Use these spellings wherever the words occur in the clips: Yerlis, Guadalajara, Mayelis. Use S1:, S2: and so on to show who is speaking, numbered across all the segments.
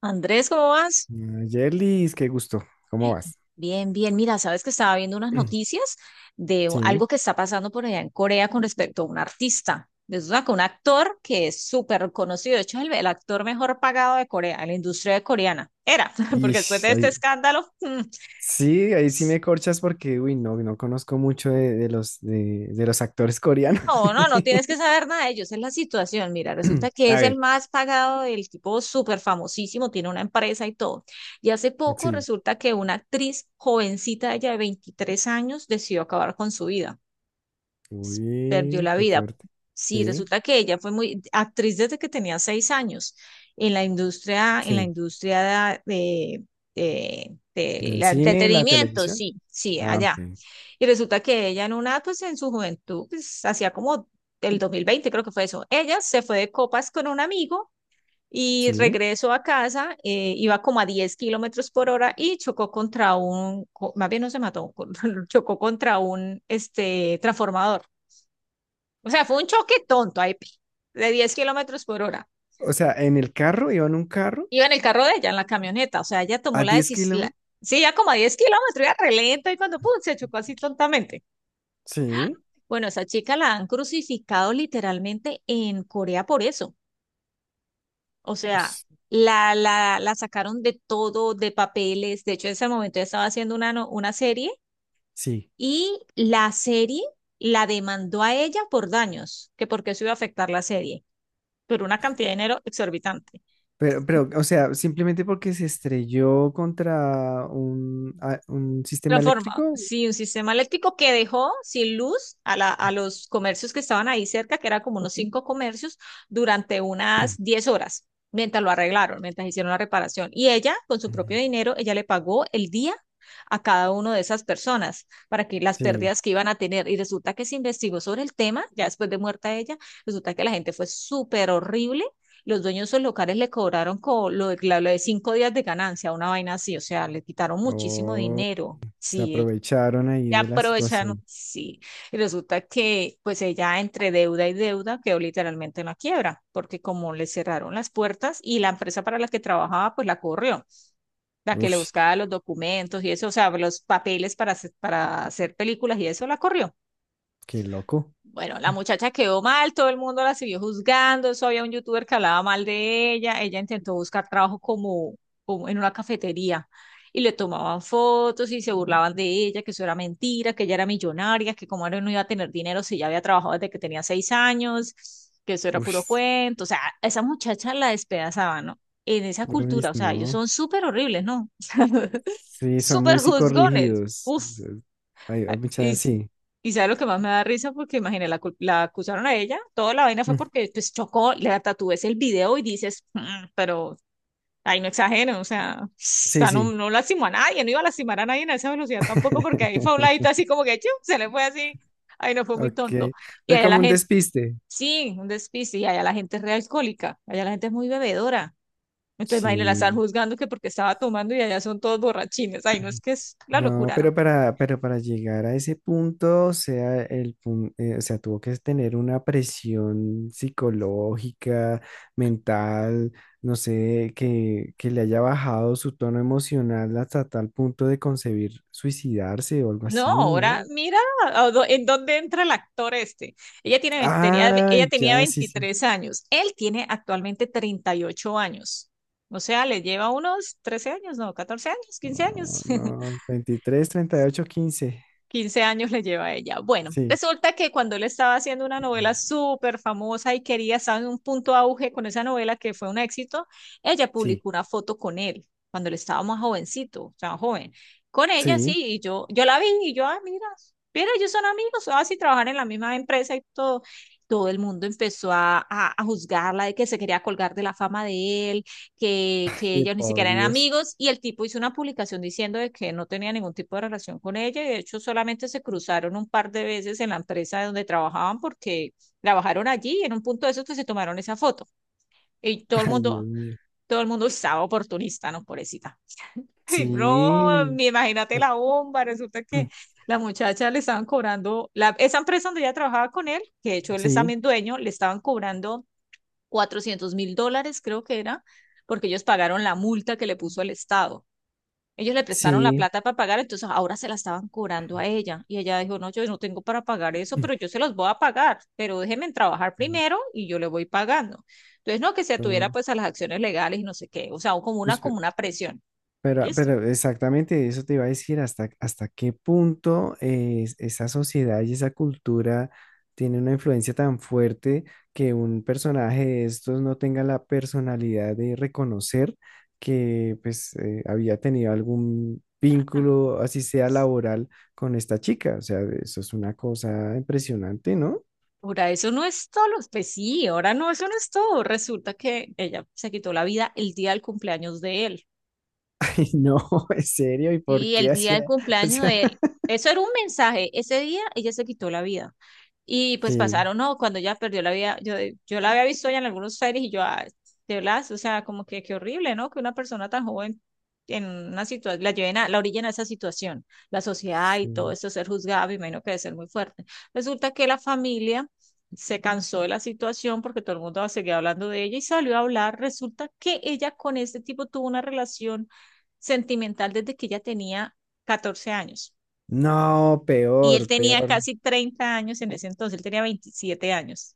S1: Andrés, ¿cómo vas?
S2: Ah, Yerlis, qué gusto. ¿Cómo vas?
S1: Bien, bien. Mira, sabes que estaba viendo unas noticias de
S2: Sí.
S1: algo que está pasando por allá en Corea con respecto a un artista. Resulta que un actor que es súper conocido, de hecho, es el actor mejor pagado de Corea, en la industria coreana. Era,
S2: Y
S1: porque después de este escándalo,
S2: sí, ahí sí me corchas porque, uy, no, no conozco mucho de los actores coreanos.
S1: no, no, no tienes que saber nada de ellos. Es la situación. Mira, resulta que
S2: A
S1: es el
S2: ver,
S1: más pagado, el tipo súper famosísimo, tiene una empresa y todo. Y hace poco
S2: sí.
S1: resulta que una actriz jovencita, ella de 23 años, decidió acabar con su vida. Perdió
S2: Uy,
S1: la
S2: qué
S1: vida.
S2: fuerte.
S1: Sí,
S2: Sí,
S1: resulta que ella fue muy actriz desde que tenía 6 años en la
S2: sí.
S1: industria del
S2: ¿Del cine, la
S1: entretenimiento,
S2: televisión?
S1: sí, sí,
S2: Ah,
S1: allá.
S2: ok.
S1: Y resulta que ella en una, pues en su juventud, pues hacía como el 2020, creo que fue eso. Ella se fue de copas con un amigo y
S2: Sí.
S1: regresó a casa, iba como a 10 kilómetros por hora y chocó contra más bien no se mató, chocó contra un este, transformador. O sea, fue un choque tonto ahí, de 10 kilómetros por hora.
S2: O sea, en el carro, iba en un carro
S1: Iba en el carro de ella, en la camioneta. O sea, ella tomó
S2: a
S1: la
S2: 10
S1: decisión.
S2: kilómetros.
S1: Sí, ya como a 10 kilómetros, iba re lento y cuando pum, se chocó así tontamente.
S2: Sí.
S1: Bueno, esa chica la han crucificado literalmente en Corea por eso. O sea,
S2: s-
S1: la sacaron de todo, de papeles. De hecho, en ese momento ella estaba haciendo una, no- una serie
S2: Sí.
S1: y la serie la demandó a ella por daños, que porque eso iba a afectar la serie, pero una cantidad de dinero exorbitante.
S2: Pero, o sea, simplemente porque se estrelló contra un sistema
S1: Transforma,
S2: eléctrico.
S1: sí, un sistema eléctrico que dejó sin luz a, a los comercios que estaban ahí cerca, que era como unos 5 comercios, durante unas 10 horas, mientras lo arreglaron, mientras hicieron la reparación. Y ella, con su propio dinero, ella le pagó el día a cada una de esas personas para que las
S2: Sí,
S1: pérdidas que iban a tener. Y resulta que se investigó sobre el tema, ya después de muerta ella, resulta que la gente fue súper horrible los dueños de esos locales le cobraron lo de, lo de 5 días de ganancia, una vaina así, o sea, le quitaron muchísimo
S2: oh,
S1: dinero.
S2: se
S1: Sí,
S2: aprovecharon ahí
S1: ya
S2: de la
S1: aprovechan,
S2: situación.
S1: sí. Y resulta que pues ella entre deuda y deuda quedó literalmente en la quiebra, porque como le cerraron las puertas y la empresa para la que trabajaba pues la corrió, la que le
S2: Uf,
S1: buscaba los documentos y eso, o sea, los papeles para hacer, películas y eso la corrió.
S2: qué loco.
S1: Bueno, la muchacha quedó mal, todo el mundo la siguió juzgando, eso había un youtuber que hablaba mal de ella, ella intentó buscar trabajo como en una cafetería y le tomaban fotos y se burlaban de ella, que eso era mentira, que ella era millonaria, que como era no iba a tener dinero si ya había trabajado desde que tenía seis años, que eso era puro
S2: Uf,
S1: cuento, o sea, a esa muchacha la despedazaban, ¿no? En esa
S2: uy,
S1: cultura, o sea, ellos
S2: no.
S1: son súper horribles, ¿no?
S2: Sí, son muy
S1: Súper juzgones.
S2: psicorrígidos.
S1: Uf,
S2: O sea, hay
S1: y,
S2: mucha,
S1: s-
S2: sí.
S1: y sabe lo que más me da risa, porque imagina, la acusaron a ella, toda la vaina fue
S2: Mm,
S1: porque pues chocó, le tatúes el video y dices, "Mm, pero ahí no exageren, o sea, o
S2: Sí,
S1: sea, no,
S2: sí.
S1: no lastimó a nadie, no iba a lastimar a nadie en esa velocidad tampoco, porque ahí fue a un ladito así como que, chu, se le fue así, ahí no fue muy tonto.
S2: Ok.
S1: Y
S2: Fue
S1: allá
S2: como
S1: la
S2: un
S1: gente,
S2: despiste.
S1: sí, un despiste, y allá la gente es re alcohólica, allá la gente es muy bebedora. Entonces, imagínate, la están
S2: Sí.
S1: juzgando que porque estaba tomando y allá son todos borrachines. Ay, no, es que es la
S2: No,
S1: locura.
S2: pero para llegar a ese punto, o sea, tuvo que tener una presión psicológica, mental, no sé, que le haya bajado su tono emocional hasta tal punto de concebir suicidarse o algo
S1: No,
S2: así,
S1: ahora
S2: ¿no?
S1: mira en dónde entra el actor este. Ella tiene, ve- tenía,
S2: Ah,
S1: ella tenía
S2: ya, sí, sí.
S1: 23 años, él tiene actualmente 38 años. O sea, le lleva unos 13 años, no, 14 años, 15
S2: Oh,
S1: años.
S2: no, 23, 38, 15.
S1: 15 años le lleva a ella. Bueno,
S2: Sí,
S1: resulta que cuando él estaba haciendo una novela súper famosa y quería estar en un punto auge con esa novela que fue un éxito, ella
S2: sí,
S1: publicó una foto con él cuando él estaba más jovencito, o sea, joven. Con ella sí,
S2: sí.
S1: y yo, la vi y yo, ah, mira, mira, ellos son amigos, así trabajan en la misma empresa y todo. Todo el mundo empezó a juzgarla de que se quería colgar de la fama de él, que
S2: Ay,
S1: ellos ni
S2: por
S1: siquiera eran
S2: Dios.
S1: amigos y el tipo hizo una publicación diciendo de que no tenía ningún tipo de relación con ella y de hecho solamente se cruzaron un par de veces en la empresa donde trabajaban porque trabajaron allí y en un punto de esos que se tomaron esa foto y todo el
S2: Ay, Dios
S1: mundo,
S2: mío.
S1: todo el mundo estaba oportunista, ¿no? Pobrecita. Ay, no,
S2: Sí.
S1: ni imagínate la bomba, resulta que la muchacha le estaban cobrando, la, esa empresa donde ella trabajaba con él, que de hecho él es
S2: Sí.
S1: también dueño, le estaban cobrando cuatrocientos mil dólares, creo que era, porque ellos pagaron la multa que le puso el Estado. Ellos le prestaron la
S2: Sí,
S1: plata para pagar, entonces ahora se la estaban cobrando a ella. Y ella dijo, no, yo no tengo para pagar eso, pero yo se los voy a pagar, pero déjenme trabajar primero y yo le voy pagando. Entonces, no, que se atuviera
S2: mm,
S1: pues a las acciones legales y no sé qué, o sea, como una,
S2: pues, pe-
S1: como una presión.
S2: pero,
S1: Listo.
S2: pero exactamente eso te iba a decir, hasta, hasta qué punto esa sociedad y esa cultura tiene una influencia tan fuerte que un personaje de estos no tenga la personalidad de reconocer que pues había tenido algún vínculo, así sea laboral, con esta chica. O sea, eso es una cosa impresionante, ¿no?
S1: Ahora eso no es todo, pues sí, ahora no, eso no es todo. Resulta que ella se quitó la vida el día del cumpleaños de él.
S2: Y no, en serio, ¿y por
S1: Sí, el
S2: qué
S1: día del
S2: hacía? O
S1: cumpleaños
S2: sea,
S1: de él. Eso era un mensaje. Ese día ella se quitó la vida. Y pues
S2: sí,
S1: pasaron, no, cuando ella perdió la vida, yo la había visto ya en algunos series y yo, ah, de verdad, o sea, como que qué horrible, ¿no? Que una persona tan joven en una situación, la lleven a, la orillen a esa situación, la sociedad y todo
S2: sí.
S1: eso, ser juzgada, me imagino que debe ser muy fuerte. Resulta que la familia se cansó de la situación porque todo el mundo seguía hablando de ella y salió a hablar. Resulta que ella con este tipo tuvo una relación sentimental desde que ella tenía 14 años
S2: No,
S1: y él
S2: peor,
S1: tenía
S2: peor.
S1: casi 30 años en ese entonces, él tenía 27 años.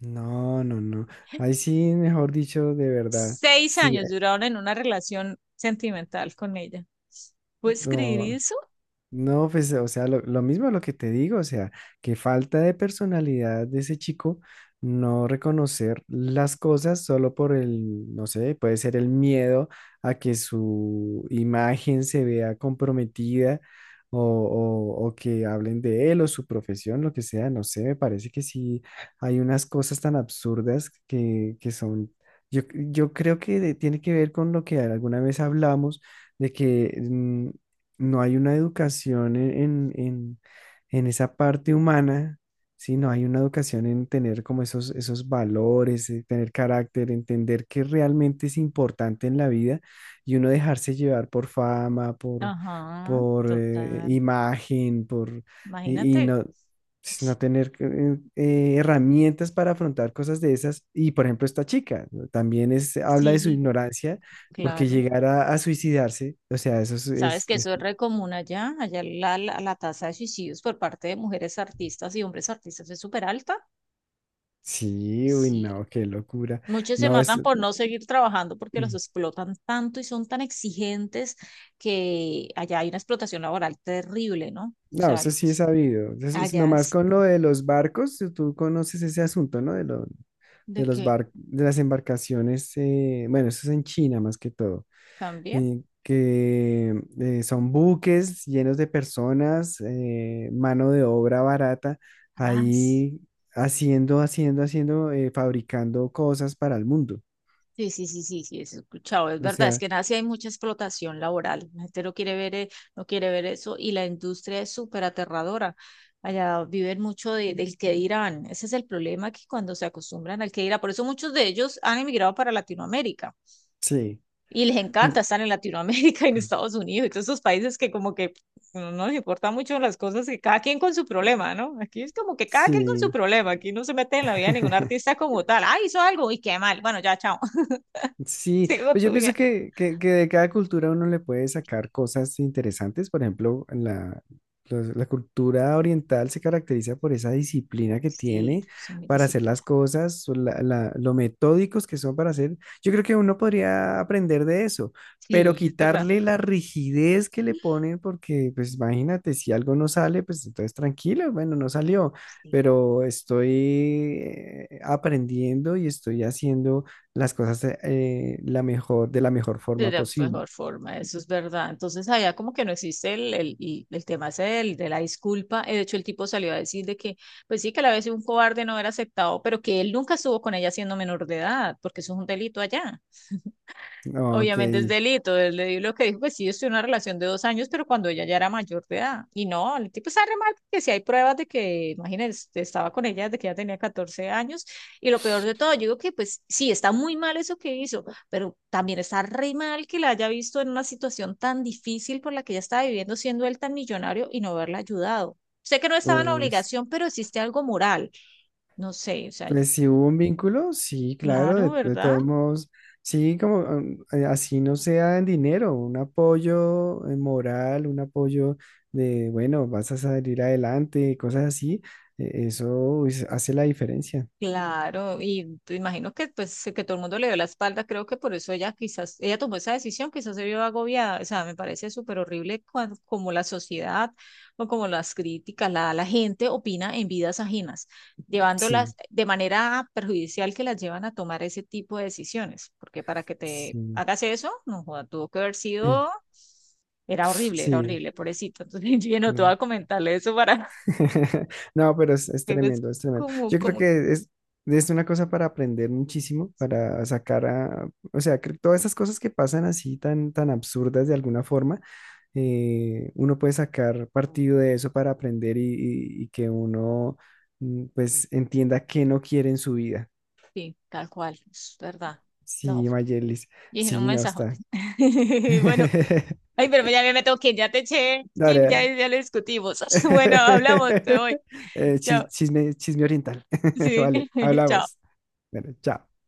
S2: No, no, no. Ahí sí, mejor dicho, de verdad.
S1: Seis
S2: Sí,
S1: años duraron en una relación sentimental con ella. ¿Puedes escribir
S2: no.
S1: eso?
S2: No, pues, o sea, lo mismo lo que te digo, o sea, que falta de personalidad de ese chico, no reconocer las cosas solo por el, no sé, puede ser el miedo a que su imagen se vea comprometida o que hablen de él o su profesión, lo que sea, no sé, me parece que sí hay unas cosas tan absurdas que son, yo creo que tiene que ver con lo que alguna vez hablamos de que no hay una educación en, en- en esa parte humana, ¿sí? No hay una educación en tener como esos, esos valores, tener carácter, entender qué realmente es importante en la vida y uno dejarse llevar por fama,
S1: Ajá,
S2: por
S1: total.
S2: imagen, por, y
S1: Imagínate.
S2: no, pues, no tener herramientas para afrontar cosas de esas. Y por ejemplo, esta chica ¿no? también es, habla de su
S1: Sí,
S2: ignorancia. Porque
S1: claro.
S2: llegar a suicidarse, o sea,
S1: Sabes que
S2: es…
S1: eso es re común allá. Allá la tasa de suicidios por parte de mujeres artistas y hombres artistas es súper alta.
S2: Sí, uy,
S1: Sí.
S2: no, qué locura.
S1: Muchos se
S2: No, es,
S1: matan por no seguir trabajando porque los
S2: mm,
S1: explotan tanto y son tan exigentes que allá hay una explotación laboral terrible, ¿no? O
S2: no,
S1: sea,
S2: eso
S1: lo que
S2: sí es
S1: es
S2: sabido. Es
S1: allá
S2: nomás
S1: es
S2: con lo de los barcos, tú conoces ese asunto, ¿no?
S1: de
S2: De los
S1: qué
S2: barcos, de las embarcaciones, bueno, eso es en China más que todo,
S1: también.
S2: que son buques llenos de personas, mano de obra barata,
S1: Ah, sí,
S2: ahí haciendo, fabricando cosas para el mundo.
S1: sí, sí, sí, sí, sí, eso he escuchado, es
S2: O
S1: verdad, es
S2: sea,
S1: que en Asia hay mucha explotación laboral, la gente no quiere ver, no quiere ver eso y la industria es súper aterradora. Allá viven mucho del que dirán, ese es el problema que cuando se acostumbran al que dirán, por eso muchos de ellos han emigrado para Latinoamérica.
S2: sí,
S1: Y les encanta estar en Latinoamérica y en Estados Unidos y todos esos países que como que no nos importan mucho las cosas que cada quien con su problema, ¿no? Aquí es como que cada quien con su
S2: sí.
S1: problema, aquí no se mete en la vida de ningún artista como tal. Ah, hizo algo y qué mal. Bueno, ya, chao.
S2: Sí,
S1: Sigo
S2: pues yo
S1: tuya.
S2: pienso que, que de cada cultura uno le puede sacar cosas interesantes. Por ejemplo, la cultura oriental se caracteriza por esa disciplina que
S1: Sí,
S2: tiene
S1: son mi
S2: para hacer
S1: disciplina.
S2: las cosas, o lo metódicos que son para hacer. Yo creo que uno podría aprender de eso, pero
S1: Sí, es verdad.
S2: quitarle la rigidez que le ponen, porque pues imagínate, si algo no sale, pues entonces tranquilo, bueno, no salió,
S1: Sí.
S2: pero estoy aprendiendo y estoy haciendo las cosas de la mejor
S1: De
S2: forma
S1: la
S2: posible.
S1: mejor forma, eso es verdad. Entonces, allá como que no existe el tema ese de la disculpa. De hecho, el tipo salió a decir de que, pues sí, que a la vez un cobarde no era aceptado, pero que él nunca estuvo con ella siendo menor de edad, porque eso es un delito allá.
S2: Ok.
S1: Obviamente es delito. Él le dijo lo que dijo, pues sí, yo estoy en una relación de 2 años, pero cuando ella ya era mayor de edad. Y no, el tipo está re mal porque si hay pruebas de que, imagínense, estaba con ella desde que ella tenía 14 años. Y lo peor de todo, yo digo que pues sí, está muy mal eso que hizo, pero también está re mal que la haya visto en una situación tan difícil por la que ella estaba viviendo, siendo él tan millonario y no haberla ayudado. Sé que no estaba en
S2: Pues,
S1: obligación, pero existe algo moral. No sé, o sea, yo,
S2: pues si hubo un vínculo, sí, claro,
S1: claro,
S2: de
S1: ¿verdad?
S2: todos modos, sí, como así no sea en dinero, un apoyo moral, un apoyo de, bueno, vas a salir adelante, cosas así, eso pues, hace la diferencia.
S1: Claro, y te imagino que pues que todo el mundo le dio la espalda, creo que por eso ella quizás, ella tomó esa decisión, quizás se vio agobiada, o sea, me parece súper horrible cuando, como la sociedad o como las críticas, la gente opina en vidas ajenas,
S2: Sí,
S1: llevándolas de manera perjudicial que las llevan a tomar ese tipo de decisiones, porque para que te
S2: sí,
S1: hagas eso, no joda, tuvo que haber sido, era
S2: sí,
S1: horrible, pobrecito, entonces yo no te voy
S2: no.
S1: a comentarle eso para
S2: No, pero es
S1: que ves
S2: tremendo, es tremendo.
S1: como,
S2: Yo creo
S1: como,
S2: que es una cosa para aprender muchísimo, para sacar a, o sea, que todas esas cosas que pasan así tan, tan absurdas de alguna forma, uno puede sacar partido de eso para aprender y, y que uno pues entienda qué no quiere en su vida.
S1: sí, tal cual, es verdad. No,
S2: Sí, Mayelis,
S1: Y dije, un
S2: sí, no
S1: mensajote.
S2: está.
S1: Bueno, ay, pero ya me tengo que ir, ya te eché,
S2: Dale,
S1: Kim, ya,
S2: dale.
S1: ya lo discutimos. Bueno, hablamos, te voy. Chao.
S2: Chisme, chisme oriental.
S1: Sí,
S2: Vale, hablamos.
S1: chao.
S2: Bueno, chao.